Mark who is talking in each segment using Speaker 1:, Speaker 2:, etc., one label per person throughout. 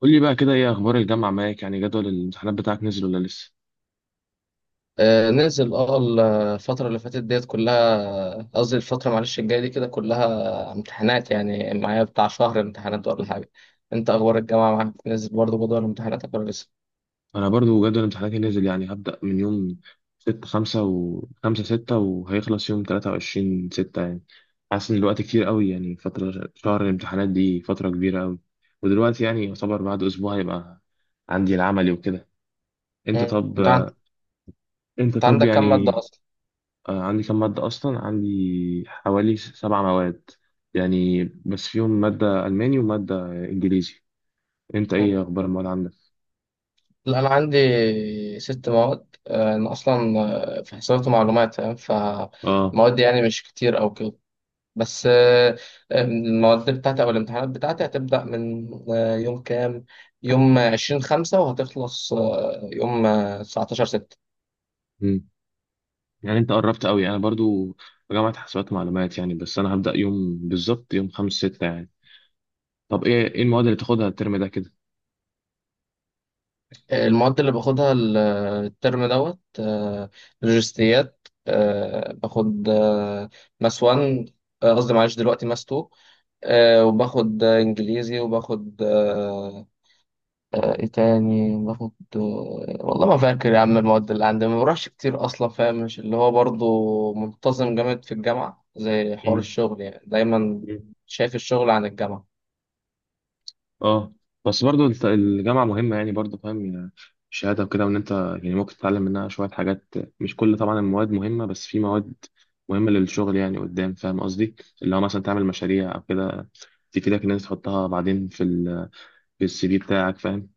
Speaker 1: قول لي بقى كده ايه اخبار الجامعه معاك جدول الامتحانات بتاعك نزل ولا لسه؟
Speaker 2: آه، نزل اه. الفترة اللي فاتت ديت كلها قصدي الفترة معلش الجاية دي كده كلها امتحانات يعني معايا بتاع شهر امتحانات ولا حاجة. انت اخبار الجامعة معاك نزل برضه جدول امتحاناتك ولا لسه؟
Speaker 1: انا برضو جدول امتحاناتي نزل، هبدا من يوم 6 5 و 5 6 وهيخلص يوم 23 6. حاسس ان الوقت كتير قوي، فتره شهر الامتحانات دي فتره كبيره قوي. ودلوقتي يعتبر بعد اسبوع هيبقى عندي العملي وكده. انت
Speaker 2: مم.
Speaker 1: طب
Speaker 2: انت عن-
Speaker 1: انت
Speaker 2: أنت
Speaker 1: طب
Speaker 2: عندك كام مادة اصلا؟
Speaker 1: عندي كم ماده اصلا، عندي حوالي سبع مواد، بس فيهم ماده الماني وماده انجليزي. انت ايه
Speaker 2: مم.
Speaker 1: اخبار المواد عندك؟
Speaker 2: لا، انا عندي 6 مواد، انا اصلا في حسابات ومعلومات، فاهم؟
Speaker 1: اه.
Speaker 2: فمواد يعني مش كتير او كده، بس المواد بتاعتي أو الامتحانات بتاعتي هتبدأ من يوم كام؟ يوم 20/5، وهتخلص يوم 19/6.
Speaker 1: مم. انت قربت قوي، انا برضو في جامعة حسابات ومعلومات، بس انا هبدأ يوم بالظبط يوم خمسة ستة طب ايه ايه المواد اللي تاخدها الترم ده كده؟
Speaker 2: المواد اللي باخدها الترم دوت، لوجستيات، باخد ماس 1، قصدي معلش دلوقتي ماس 2، وباخد انجليزي، وباخد ايه تاني باخد؟ والله ما فاكر يا عم. المواد اللي عندي ما بروحش كتير اصلا، فاهم؟ مش اللي هو برضو منتظم جامد في الجامعه، زي حوار
Speaker 1: مم.
Speaker 2: الشغل يعني، دايما
Speaker 1: مم.
Speaker 2: شايف الشغل عن الجامعه.
Speaker 1: اه. بس برضو الجامعة مهمة، برضو فاهم الشهادة وكده، وان انت ممكن تتعلم منها شوية حاجات. مش كل طبعا المواد مهمة، بس في مواد مهمة للشغل قدام، فاهم قصدي؟ اللي هو مثلا تعمل مشاريع او كده، تفيدك ان انت تحطها بعدين في ال في السي في بتاعك، فاهم؟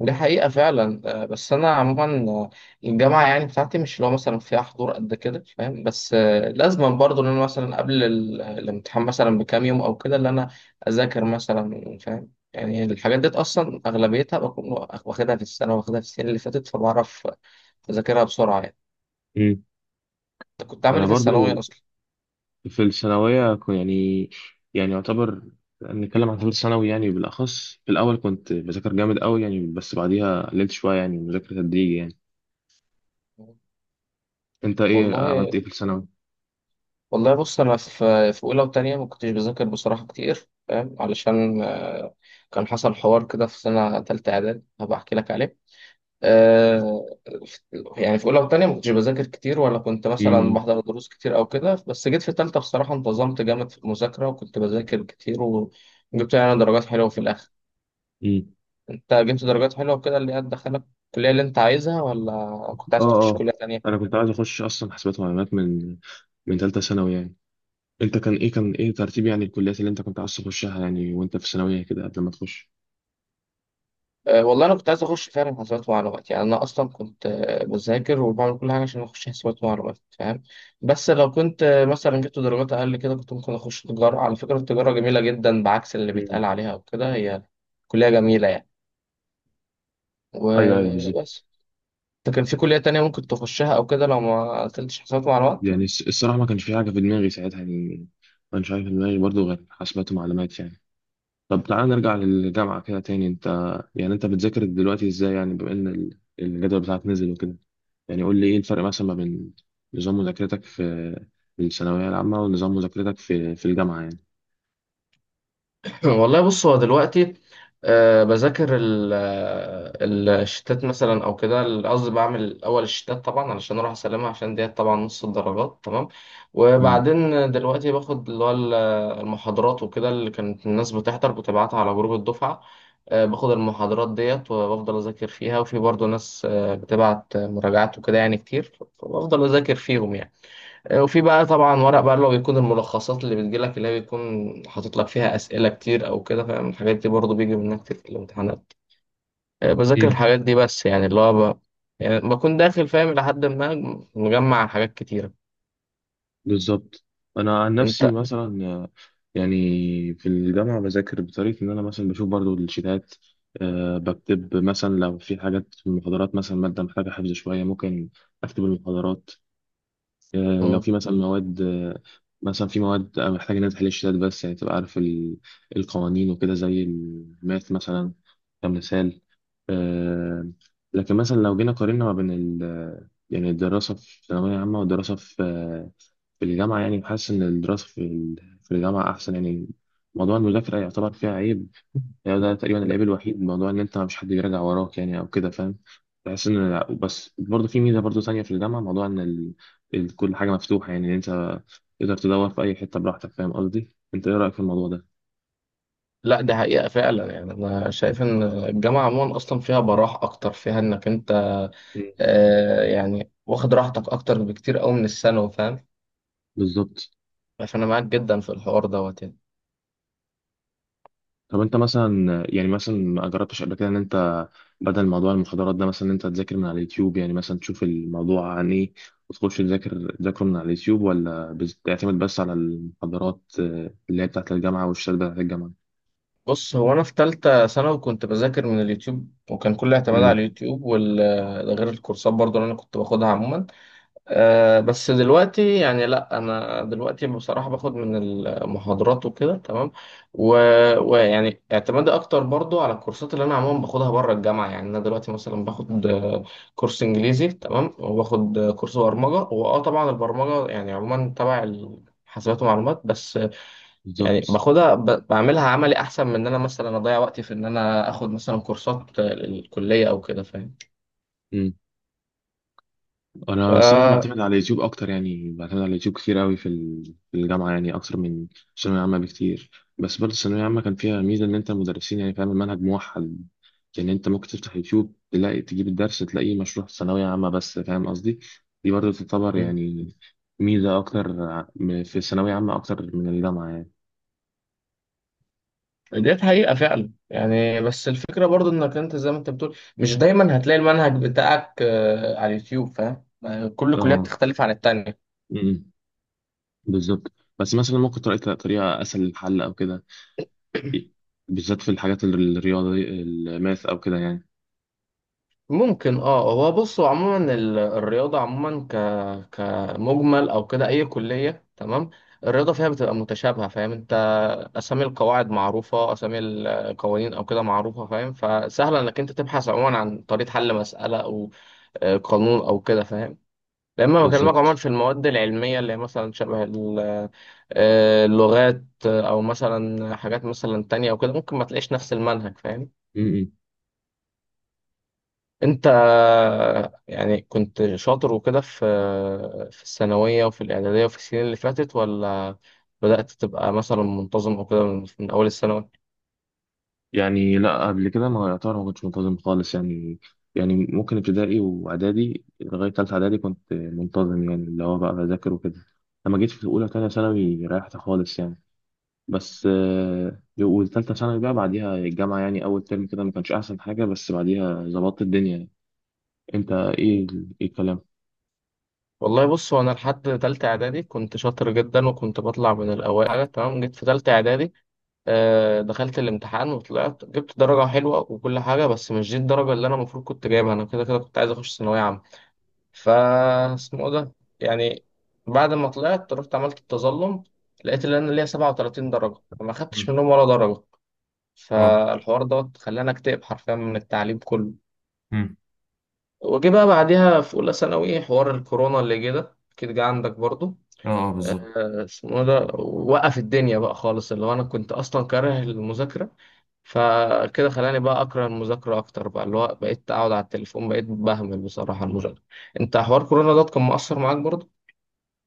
Speaker 2: دي حقيقه فعلا، بس انا عموما الجامعه يعني بتاعتي مش اللي هو مثلا فيها حضور قد كده، فاهم؟ بس لازم برضو ان انا مثلا قبل الامتحان مثلا بكام يوم او كده، اللي انا اذاكر مثلا، فاهم؟ يعني الحاجات ديت اصلا اغلبيتها بكون واخدها في السنه، واخدها في السنه اللي فاتت، فبعرف اذاكرها بسرعه يعني.
Speaker 1: مم.
Speaker 2: انت كنت عامل
Speaker 1: انا
Speaker 2: ايه في الثانويه
Speaker 1: برضو
Speaker 2: اصلا؟
Speaker 1: في الثانوية يعتبر نتكلم عن ثالث ثانوي، بالأخص في الأول كنت بذاكر جامد أوي بس بعديها قللت شوية، مذاكرة تدريجي أنت إيه عملت إيه
Speaker 2: والله
Speaker 1: في الثانوي؟
Speaker 2: والله بص، انا في اولى وتانية ما كنتش بذاكر بصراحه كتير، فاهم؟ علشان كان حصل حوار كده في سنه تالتة اعدادي، هبقى احكي لك عليه. آه، في- يعني في اولى وتانية ما كنتش بذاكر كتير، ولا كنت مثلا
Speaker 1: أمم،
Speaker 2: بحضر دروس كتير او كده، بس جيت في تالتة بصراحه انتظمت جامد في المذاكره، وكنت بذاكر كتير، وجبت يعني درجات حلوه في الاخر.
Speaker 1: أمم.
Speaker 2: انت جبت درجات حلوه وكده اللي هي تدخلك الكليه اللي انت عايزها، ولا كنت
Speaker 1: آه.
Speaker 2: عايز تخش
Speaker 1: آه.
Speaker 2: كليه
Speaker 1: أنا
Speaker 2: تانية؟
Speaker 1: كنت عايز أخش أصلا حاسبات ومعلومات من من تالتة ثانوي أنت كان إيه كان إيه ترتيب الكليات اللي أنت كنت عايز تخشها وأنت في الثانوية كده قبل ما تخش؟
Speaker 2: أه، والله انا كنت عايز اخش فعلا حسابات ومعلومات. يعني انا اصلا كنت بذاكر وبعمل كل حاجه عشان اخش حسابات ومعلومات، فاهم؟ بس لو كنت مثلا جبت درجات اقل كده، كنت ممكن اخش تجاره. على فكره التجاره جميله جدا بعكس اللي
Speaker 1: أمم.
Speaker 2: بيتقال عليها وكده، هي كليه جميله يعني،
Speaker 1: أيوه أيوه بالظبط.
Speaker 2: وبس. انت كان في كليه تانية ممكن تخشها او كده لو ما قلتش حسابات ومعلومات؟
Speaker 1: الصراحة ما كانش في حاجة في دماغي ساعتها ما كانش حاجة في دماغي برضه غير حاسبات ومعلومات طب تعال نرجع للجامعة كده تاني. انت انت بتذاكر دلوقتي ازاي، بما ان الجدول بتاعك نزل وكده؟ قول لي ايه الفرق مثلا ما بين نظام مذاكرتك في الثانوية العامة ونظام مذاكرتك في في الجامعة
Speaker 2: والله بص، هو دلوقتي آه بذاكر الشتات مثلا او كده، قصدي بعمل الاول الشتات طبعا علشان اروح اسلمها، عشان ديت طبعا نص الدرجات، تمام؟
Speaker 1: امم.
Speaker 2: وبعدين دلوقتي باخد اللي هو المحاضرات وكده اللي كانت الناس بتحضر بتبعتها على جروب الدفعة. آه باخد المحاضرات ديت وبفضل اذاكر فيها، وفي برضه ناس آه بتبعت مراجعات وكده يعني كتير، فبفضل اذاكر فيهم يعني. وفي بقى طبعا ورق بقى اللي هو بيكون الملخصات اللي بتجيلك، اللي هي بيكون حاطط لك فيها أسئلة كتير أو كده، فاهم؟ الحاجات دي برضه بيجي منها كتير في الامتحانات. بذاكر
Speaker 1: امم.
Speaker 2: الحاجات دي، بس يعني اللي هو يعني بكون داخل فاهم لحد ما مجمع حاجات كتيرة.
Speaker 1: بالظبط. انا عن نفسي
Speaker 2: أنت.
Speaker 1: مثلا، يعني في الجامعة بذاكر بطريقة ان انا مثلا بشوف برضو الشيتات. أه بكتب مثلا لو في حاجات في المحاضرات، مثلا مادة محتاجة حفظ شوية، ممكن أكتب المحاضرات. لو
Speaker 2: مم.
Speaker 1: في مثلا مواد، مثلا في مواد أنا محتاج إن أنا تحل الشتات بس، تبقى عارف القوانين وكده، زي الماث مثلا كمثال. آه، لكن مثلا لو جينا قارنا ما بين ال الدراسة في ثانوية عامة والدراسة في في الجامعة، بحس إن الدراسة في في الجامعة أحسن موضوع المذاكرة يعتبر فيها عيب، ده تقريبا العيب الوحيد، موضوع ان انت مش حد بيراجع وراك او كده، فاهم؟ بحس ان لا، بس برضه في ميزه برضه ثانيه في الجامعه، موضوع ان ال... كل حاجه مفتوحه. انت تقدر تدور في اي حته براحتك، فاهم قصدي؟ انت ايه رايك في الموضوع ده؟
Speaker 2: لا، دي حقيقة فعلا يعني، أنا شايف إن الجامعة عموما أصلا فيها براح أكتر، فيها إنك أنت
Speaker 1: مم.
Speaker 2: آه يعني واخد راحتك أكتر بكتير أوي من الثانوي، فاهم؟
Speaker 1: بالظبط.
Speaker 2: فأنا معاك جدا في الحوار دوت يعني.
Speaker 1: طب انت مثلا مثلا ما جربتش قبل كده ان انت بدل موضوع المحاضرات ده، مثلا ان انت تذاكر من على اليوتيوب، مثلا تشوف الموضوع عن ايه وتخش تذاكر تذاكره من على اليوتيوب، ولا بتعتمد بس على المحاضرات اللي هي بتاعت الجامعه والشهادات بتاعت الجامعه؟
Speaker 2: بص هو انا في تالتة ثانوي كنت بذاكر من اليوتيوب، وكان كل اعتماد على
Speaker 1: امم.
Speaker 2: اليوتيوب وال، ده غير الكورسات برضو اللي انا كنت باخدها عموما. أه بس دلوقتي يعني لا، انا دلوقتي بصراحة باخد من المحاضرات وكده تمام. ويعني اعتمادي اكتر برضو على الكورسات اللي انا عموما باخدها بره الجامعة. يعني انا دلوقتي مثلا باخد كورس انجليزي تمام، وباخد كورس برمجة. واه طبعا البرمجة يعني عموما تبع حاسبات ومعلومات، بس يعني
Speaker 1: بالظبط.
Speaker 2: باخدها بعملها عملي، احسن من ان انا مثلا اضيع وقتي في ان انا اخد مثلا كورسات الكليه او كده، فاهم؟
Speaker 1: مم. انا الصراحه
Speaker 2: ف
Speaker 1: بعتمد على اليوتيوب اكتر، بعتمد على اليوتيوب كتير قوي في في الجامعه، اكتر من الثانويه العامه بكتير. بس برضه الثانويه العامه كان فيها ميزه ان انت المدرسين، فاهم، المنهج موحد. انت ممكن تفتح يوتيوب تلاقي تجيب الدرس تلاقيه مشروح ثانويه عامه بس، فاهم قصدي؟ دي برضه تعتبر ميزه اكتر في الثانويه عامه اكتر من الجامعه
Speaker 2: ديت حقيقه فعلا يعني، بس الفكره برضو انك انت زي ما انت بتقول مش دايما هتلاقي المنهج بتاعك على اليوتيوب، فاهم؟ كل كليه
Speaker 1: اه.
Speaker 2: بتختلف عن التانية.
Speaker 1: مم. بالظبط. بس مثلا ممكن تلاقي طريقه اسهل للحل او كده، بالذات في الحاجات الرياضيه الماث او كده
Speaker 2: ممكن اه، هو بصوا عموما الرياضة عموما كمجمل او كده اي كلية، تمام؟ الرياضة فيها بتبقى متشابهة، فاهم انت؟ اسامي القواعد معروفة، اسامي القوانين او كده معروفة، فاهم؟ فسهل انك انت تبحث عموما عن طريقة حل مسألة او قانون او كده، فاهم؟ لما بكلمك عموما
Speaker 1: بالظبط.
Speaker 2: في المواد العلمية اللي هي مثلا شبه اللغات او مثلا حاجات مثلا تانية او كده، ممكن ما تلاقيش نفس المنهج، فاهم؟
Speaker 1: م- م.
Speaker 2: انت يعني كنت شاطر وكده في الثانوية وفي الإعدادية وفي السنين اللي فاتت، ولا بدأت تبقى مثلا منتظم او كده من أول الثانوي؟
Speaker 1: لا قبل كده ما يعتبر ما كنتش منتظم خالص ممكن ابتدائي واعدادي لغايه ثالثه اعدادي كنت منتظم، اللي هو بقى بذاكر وكده. لما جيت في اولى ثانيه ثانوي ريحت خالص بس وثالثه ثانوي بقى بعديها الجامعه، اول ترم كده ما كانش احسن حاجه، بس بعديها ظبطت الدنيا انت ايه ايه الكلام؟
Speaker 2: والله بص، هو أنا لحد تالتة إعدادي كنت شاطر جدا، وكنت بطلع من الأوائل تمام. جيت في تالتة إعدادي دخلت الامتحان وطلعت جبت درجة حلوة وكل حاجة، بس مش دي الدرجة اللي أنا المفروض كنت جايبها. أنا كده كده كنت عايز أخش ثانوية عامة. ف اسمه إيه ده، يعني بعد ما طلعت رحت عملت التظلم، لقيت ان انا ليا 37 درجه، فما خدتش
Speaker 1: مم.
Speaker 2: منهم ولا درجه.
Speaker 1: اه.
Speaker 2: فالحوار دوت خلاني اكتئب حرفيا من التعليم كله.
Speaker 1: مم.
Speaker 2: وجي بقى بعديها في اولى ثانوي حوار الكورونا اللي جه ده، اكيد جه عندك برضو.
Speaker 1: اه. اه بالظبط.
Speaker 2: اسمه إيه ده، وقف الدنيا بقى خالص. اللي هو انا كنت اصلا كاره المذاكره، فكده خلاني بقى اكره المذاكره اكتر بقى. اللي هو بقيت اقعد على التليفون، بقيت بهمل بصراحه المذاكره. انت حوار كورونا ده كان مؤثر معاك؟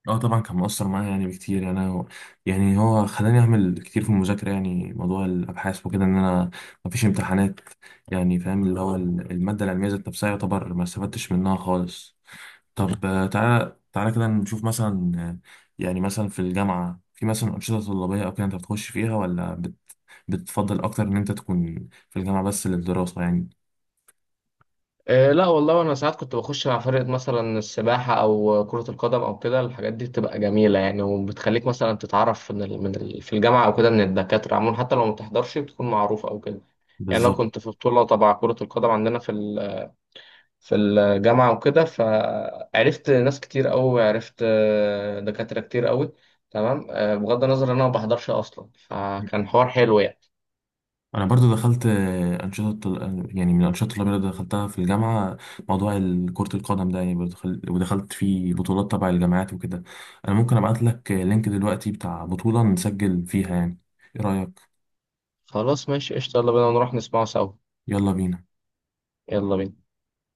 Speaker 1: اه طبعا كان مؤثر معايا، بكتير، هو خلاني اعمل كتير في المذاكره، موضوع الابحاث وكده، ان انا مفيش امتحانات. فاهم، اللي هو الماده العلميه ذات نفسها يعتبر ما استفدتش منها خالص. طب تعالى تعالى كده نشوف مثلا مثلا في الجامعه في مثلا انشطه طلابيه او كده انت بتخش فيها، ولا بتفضل اكتر ان انت تكون في الجامعه بس للدراسه
Speaker 2: لا والله انا ساعات كنت بخش مع فرقة مثلا السباحة او كرة القدم او كده. الحاجات دي بتبقى جميلة يعني، وبتخليك مثلا تتعرف من في الجامعة او كده، من الدكاترة عموما، حتى لو ما بتحضرش بتكون معروف او كده. يعني انا
Speaker 1: بالظبط.
Speaker 2: كنت في بطولة تبع كرة القدم عندنا في في الجامعة وكده، فعرفت ناس كتير قوي، عرفت دكاترة كتير قوي تمام، بغض النظر ان انا ما بحضرش اصلا، فكان حوار حلو يعني.
Speaker 1: انا برضو دخلت من الانشطه الطلابيه اللي دخلتها في الجامعه موضوع كره القدم ده، برضو دخل- ودخلت فيه بطولات تبع الجامعات وكده. انا ممكن ابعت لك لينك دلوقتي بتاع بطوله نسجل فيها ايه رايك؟
Speaker 2: خلاص ماشي قشطة، يلا بينا نروح نسمعه سوا.
Speaker 1: يلا بينا.
Speaker 2: يلا بينا.